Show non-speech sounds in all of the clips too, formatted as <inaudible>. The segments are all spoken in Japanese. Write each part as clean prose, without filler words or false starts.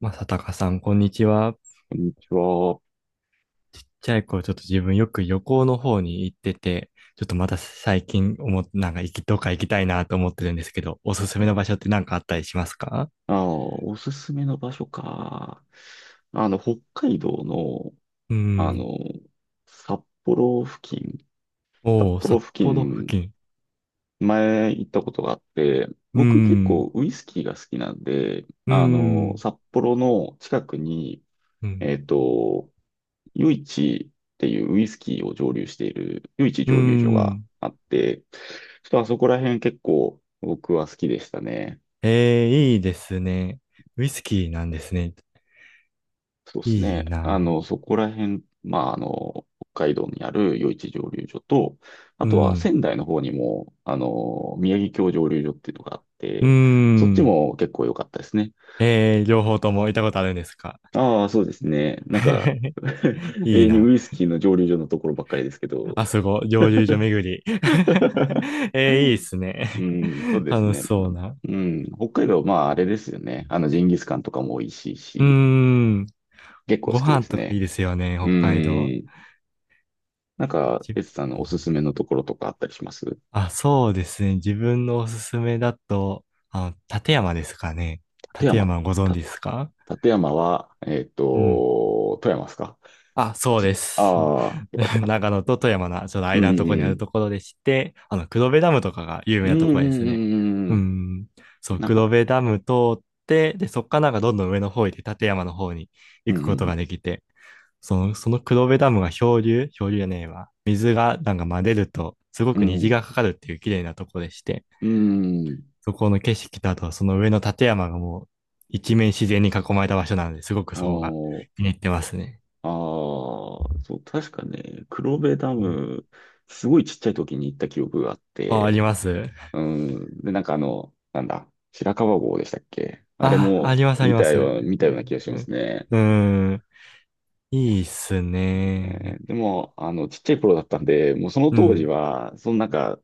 まさたかさん、こんにちは。こんにちは。ちっちゃい頃、ちょっと自分よく旅行の方に行ってて、ちょっとまた最近思っ、なんか行き、どっか行きたいなと思ってるんですけど、おすすめの場所って何かあったりしますか？おすすめの場所か。北海道の、うあん。の、札幌付近、札おー、幌札付幌付近、近。前行ったことがあって、う僕結ん。構ウイスキーが好きなんで、うん。札幌の近くに、うん。えっと、余市っていうウイスキーを蒸留している、イ市う蒸留所がん。あって、ちょっとあそこら辺結構僕は好きでしたね。えー、いいですね。ウイスキーなんですね。そうですいいね。な。そこら辺、まあ、北海道にある余市蒸留所と、あうとはん。仙台の方にも、宮城郷蒸留所っていうのがあっうて、そっちん。も結構良かったですね。えー、両方とも行ったことあるんですか？ ああ、そうですね。なんか、<laughs> <laughs> い永い遠にな。ウイスキーの蒸留所のところばっかりですけ <laughs> ど。あそこ、蒸留所巡り。<laughs> <laughs> えー、いいっすうね。ん、そう <laughs> です楽しね。そうな。うん、北海道、まあ、あれですよね。ジンギスカンとかも美味しいうーし、ん。結構ご好きで飯すとかいいね。ですよね、う北海道。ん。なんか、じエツさんのおすすめのところとかあったりします立あ、そうですね。自分のおすすめだと、立山ですかね。立山。山ご存知た、ですか？立山は、うん。富山ですか？あ、そうです。ああー、よかったよ <laughs> かっ長た。野と富山のちょっとうん間のところにあうるとんころでして、黒部ダムとかが有名うん。なとうこんろでうすんね。うんううん。ん。そう、なんか、黒部ダム通って、で、そっからなんかどんどん上の方行って、立山の方にう行くことんができて、その、その黒部ダムが漂流漂流じゃねえわ。水がなんか混ぜると、すごうくんう虹ん。がかかるっていう綺麗なところでして、うん。そこの景色とあと、その上の立山がもう一面自然に囲まれた場所なので、すごくおそこがー。気に入ってますね。ああ、そう、確かね、黒部ダうん。ム、すごいちっちゃい時に行った記憶があっあ、あて、ります。うん。で、なんかあの、白川郷でしたっけ？あれあ、あもります、あります。見たような気がしうますん。ね。うん。いや、いいっすね。でも、ちっちゃい頃だったんで、もうそのう当時ん。は、そのなんか、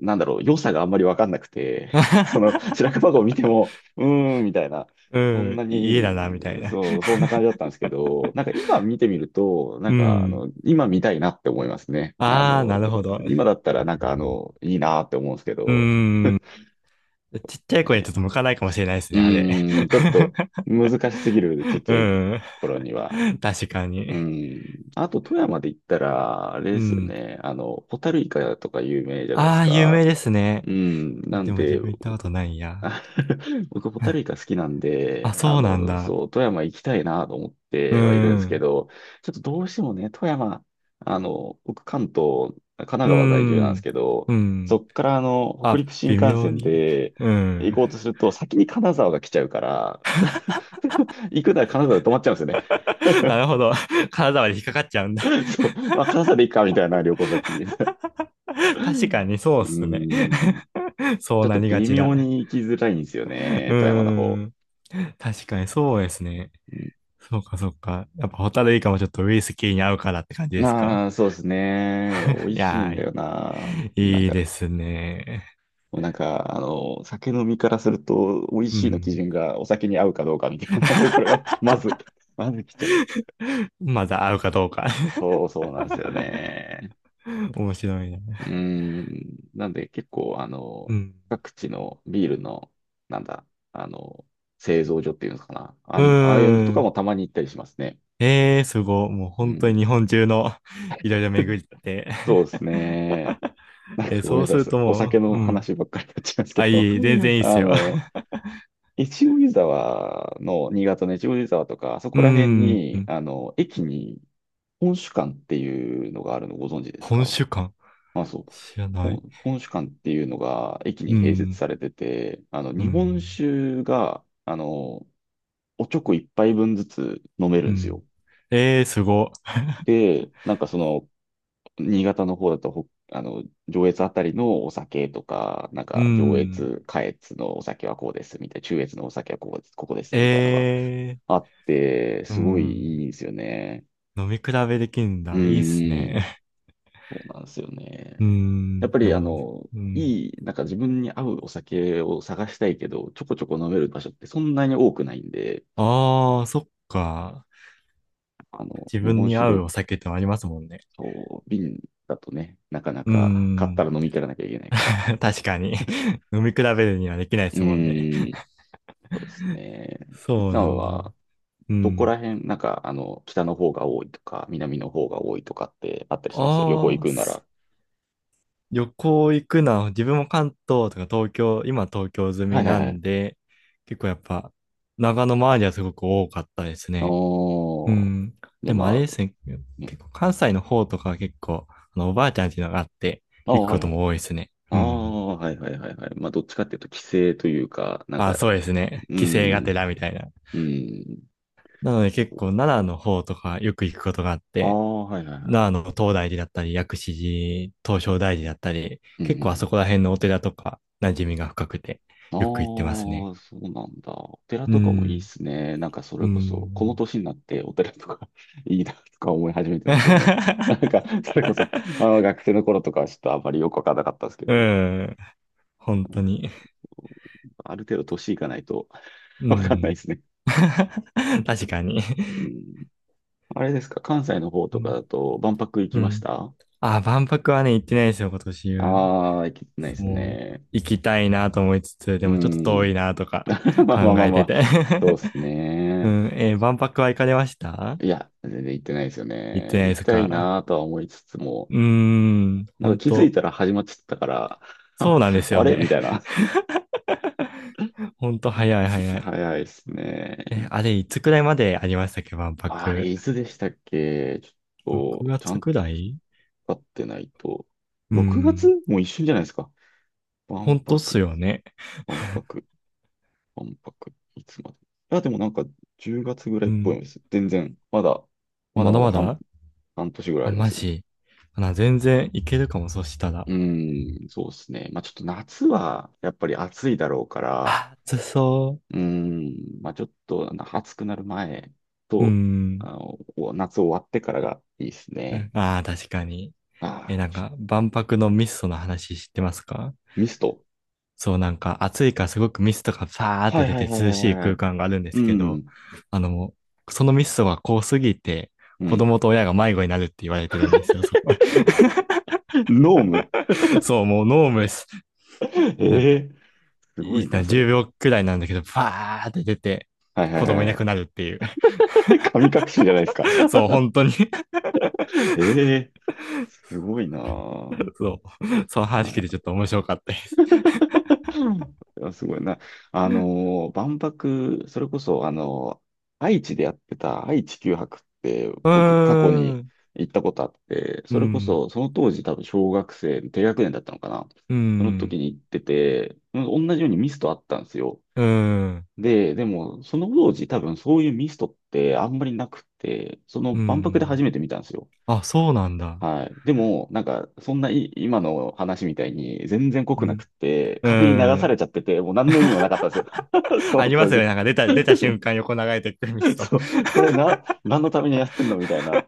なんだろう、良さがあんまりわかんなくて、<laughs> その <laughs> 白樺湖を見ても、うーん、みたいな、うそんん。な家だな、に、みたいな。そう、そんな感じだっ <laughs> たんですけど、なんか今見てみると、なうんか、ん。今見たいなって思いますね。ああ、なるほど。今だったらなんか、いいなって思うんですけうど、ん。ちっちゃい子にちょっと向かないかもしれないですうね、あれ。ーん、ちょっと難しすぎる、ちっ <laughs> ちうゃいん。頃には。確かに。うん。あと、富山で言ったら、あれうですよん。ね。ホタルイカとか有名じゃないですああ、有か。名ですね。うん。なんでも自で、分行ったことないや。あ <laughs> 僕、ホタル <laughs> イカ好きなんあ、で、そうなんだ。そう、富山行きたいなと思っうてはいるんですけん。ど、ちょっとどうしてもね、富山、僕、関東、神奈う川在住なんですん。けど、うそん。っから、北あ、陸新微幹妙線に。でう行ん。こうとすると、先に金沢が来ちゃうから、<laughs> 行くなら金沢で止まっちゃうんですよね。<laughs> なるほど。体まで引っかかっちゃうんだ。<laughs> そう、まあ、関西で行くかみたいな旅行先。<laughs> う <laughs> 確うかにそうっすね。ーん。<laughs> そちうょっなとりが微ちだ。妙に行きづらいんですようね、富山のー方。ん。確かにそうですね。うそうかそうか。やっぱホタルイカもちょっとウイスキーに合うからって感じん、ですか？ああ、そうですね。いや美味いしいやんだー、よな。なんいいか、ですね。もうなんか、酒飲みからすると、美味うしいの基ん。準がお酒に合うかどうかみたいなところが、まず、来ちゃう。まだ合うかどうか。 そうそうなんですよね。<laughs> 面白いな。うーん。なんで結構、うん。各地のビールの、なんだ、あの、製造所っていうのかな。うああいうのーとかん。もたまに行ったりしますね。ええー、すごい。もうう本当ん。に日本中の <laughs> いろいろ巡って。 そうですね。<laughs> なんかえ、ごめんそなうさいすでるす。とお酒もう、のうん。話ばっかりになっちゃいますけあ、ど、いい、全然 <laughs> いいっすあよ。の、<laughs> 越後湯沢の、新潟の越後湯沢とか、あそうこら辺ん。に、駅に本酒館っていうのがあるのご存知です本か？主間まあ、そう。知らない。本酒館っていうのが駅うに併設ん。されてて、う日本ん。酒が、おちょこ一杯分ずつ飲めるうんですよ。ん。ええー、すご。で、なんかその、新潟の方だと、上越あたりのお酒とか、なんうか上ん。越、下越のお酒はこうです、みたいな、中越のお酒はこうです、ここです、みたいなのえがえあって、ー、うすごいん。いいんですよね。飲み比べできるんうだ。んいいっすうん。ね。そうなんですよ <laughs> うね。やっん。ぱでりあも、の、うん。いい、なんか自分に合うお酒を探したいけど、ちょこちょこ飲める場所ってそんなに多くないんで、ああ、そっか。自日分本に酒合うで、お酒ってのありますもんね。そう、瓶だとね、なかなうか買ったん。ら飲み切らなきゃいけないから。<laughs> 確かに。飲み比べるにはできないでうすもんね。ーん、そうですね。いつそうさなんんだもは、ん。うどこん。ら辺、なんか、北の方が多いとか、南の方が多いとかってあったりします？旅行行ああ、くなすら。旅行行くのは、自分も関東とか東京、今東京済はみいはいなはんい。で、結構やっぱ、長野周りはすごく多かったですね。うおー。ん。じゃであもあれまですね、あ、ね。結構関西の方とかは結構、おばあちゃんっていうのがあって、あー、行くはこいとはもい。多いですね。あうん。あ、はいはいはいはい。まあ、どっちかっていうと、規制というか、なんあ、か、そうですね。う帰省がてん、らみたいな。うん。なので結構奈良の方とかよく行くことがあっあて、あ、はいはいは奈良の東大寺だったり、薬師寺、東照大寺だったり、い。う結構あそん。こら辺のお寺とか馴染みが深くて、ああ、よく行ってますね。そうなんだ。お寺うとかもいいっん。すね。なんか、そうれこそ、このん。年になってお寺とか <laughs> いいなとか思い始めてますよね。なんか、<laughs> それこそ、学生の頃とかはちょっとあんまりよくわからなかったんですけうど、ん。本当に。ある程度年いかないと <laughs> うわかんないでん。すね。<laughs> 確かに。うん。あれですか、関西の方うとかん。だと、万博行きうましん。た？あ、万博はね、行ってないですよ、今年は。ああー、行けてないですもう、ね。行きたいなと思いつつ、でうもちょっと遠いん。なとか <laughs> まあ考まあまあえまてあ、て。そうです <laughs> うね。ん。万博は行かれました？いや、全然行ってないですよ行ってね。ないで行きすたいか？なとは思いつつも、うーん。なんか本気づい当。たら始まっちゃったから、<laughs> そあ、うなんですあよれね。みたいな。<laughs> 本当早い <laughs> 早い。早いですえ、ね。あれ、いつくらいまでありましたっけ、万あ博。れ、いつでしたっけ？ちょ6っと、ちゃ月んくとらい。分かってないと。う6月ん。もう一瞬じゃないですか。ほ万んとっす博、よね。万博、万博。いつまで。いや、でもなんか10月ぐらういっぽいん。です。全然、まだ、まだまだまだま半、だ。半年ぐらいああ、りまマすよ。ジ。全然いけるかも、そしたら。うん、そうですね。まあちょっと夏はやっぱり暑いだろうから、あ、暑そうん、まあちょっとあの暑くなる前う。うと、ん。お夏終わってからがいいですうん。ね。ああ、確かに。え、ああ、なんか、万博のミストの話知ってますか？ミスト。そう、なんか、暑いからすごくミストがファーっはてい出はていはい涼はしいいは空い。間があるんでうすけど、ん、あの、もそのミストが濃すぎて、う子ん。供と親が迷子になるって言われてるんですよ、そこ。<laughs> ノーム。<laughs> そう、もうノームです。<laughs> なんえかえ、すごいいいな、な、それ。10秒くらいなんだけど、バーって出て、はいはい子供いはない。くなるっていう。<laughs> 神隠しじゃないですか。<laughs> そう、本当に。 <laughs> ええ、すごいな。<laughs> そう。そのま話聞いてあ、ちょっと面白かったです。<laughs> いや、すごいな。万博、それこそ、愛知でやってた愛・知球博って、うー僕、過去にん。行ったことあって、うそれこん。そ、その当時多分小学生、低学年だったのかな。うそのん。時に行ってて、うん、同じようにミストあったんですよ。うん。で、その当時多分そういうミストってあんまりなくて、そのう万博で初ん。めて見たんですよ。あ、そうなんだ。はい。でも、なんか、そんない今の話みたいに、全然濃うくなくん。って、う風に流されん。ちゃってて、もう何の意味もなか <laughs> ったんですよ。<laughs> そあのりま当すよね。時。なんか出た瞬 <laughs> 間横流れてくるミスト。そ <laughs> う、これな、何のためにやってんのみたいな。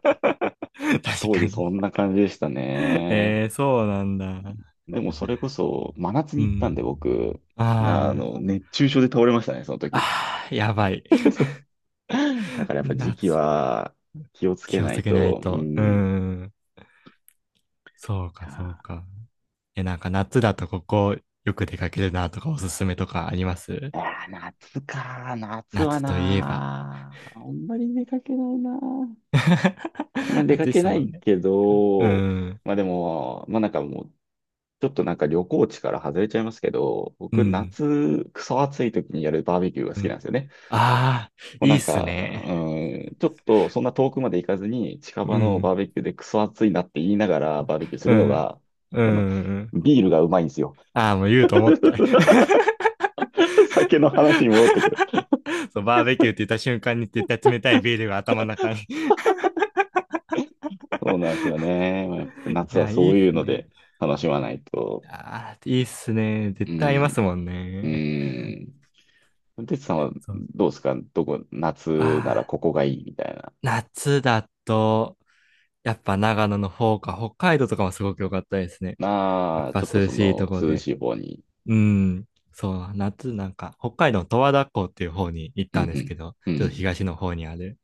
確当か時そに。んな感じでしたね。えー、そうなんだ。でもそれこそ、真夏うに行ったんん。で僕、あー熱中症で倒れましたね、その時。あー、やばい。<laughs> だからやっぱ時期夏、は気をつけ気をなついけないと、うと。うん。いん。そうか、やそうー、か。え、なんか夏だとここよく出かけるなとかおすすめとかあります？いやー、夏か。夏は夏といえば。なー。あんまり出かけないなー。あんまり <laughs> 出か暑いっけすなもいんね。けうど、ん、まあでも、まあなんかもう、ちょっとなんか旅行地から外れちゃいますけど、う僕ん、夏、クソ暑い時にやるバーベキューがう好きなん。んですよね。ああ、もういいなっんすか、ね。うん、ちょっとそんな遠くまで行かずに、近う場のバーん、ベキューでクソ暑いなって言いながらバーベキューすうるのん、が、うあの、ん。ビールがうまいんですよ。ああ、もう言うと思った。<laughs> 酒の話に戻ってくる。<laughs> そう、バーベキューって言った瞬間に絶対冷たいビールが頭の中に。 <laughs> そうなんですよね。まあやっぱい夏はや、いそいっういうすのね。で楽しまないと。ああ、いいっすね。う絶対合いますん、もんうね。ん。てつさんはそう。どうですか？どこ、あ夏ならこあ。こがいいみたいな。夏だと、やっぱ長野の方か、北海道とかもすごく良かったですね。やっなあ、ぱちょっと涼そしいのとこ涼で。しい方に。うん。そう、夏なんか、北海道の十和田湖っていう方に行っうんたんですけど、うん。うちょっとん東の方にある。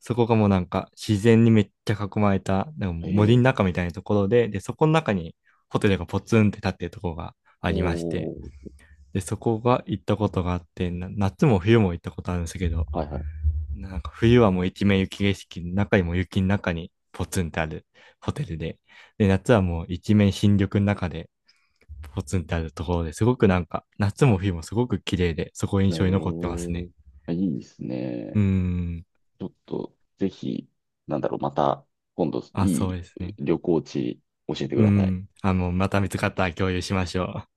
そこがもうなんか自然にめっちゃ囲まれた、でもうん。森えのえ、中みたいなところで、で、そこの中にホテルがポツンって立ってるところがありまして、おー。で、そこが行ったことがあって、夏も冬も行ったことあるんですけど、はいはなんか冬はもう一面雪景色の中にも雪の中にポツンってあるホテルで、で、夏はもう一面新緑の中でポツンってあるところですごくなんか夏も冬もすごく綺麗で、そこい。印象に残ってまえすね。え、いいですうーね。ん。ちょっと、ぜひ、なんだろう、また、今度、あ、いそうですいね。旅行地教えてくうださい。ん。あ、もうまた見つかったら共有しましょう。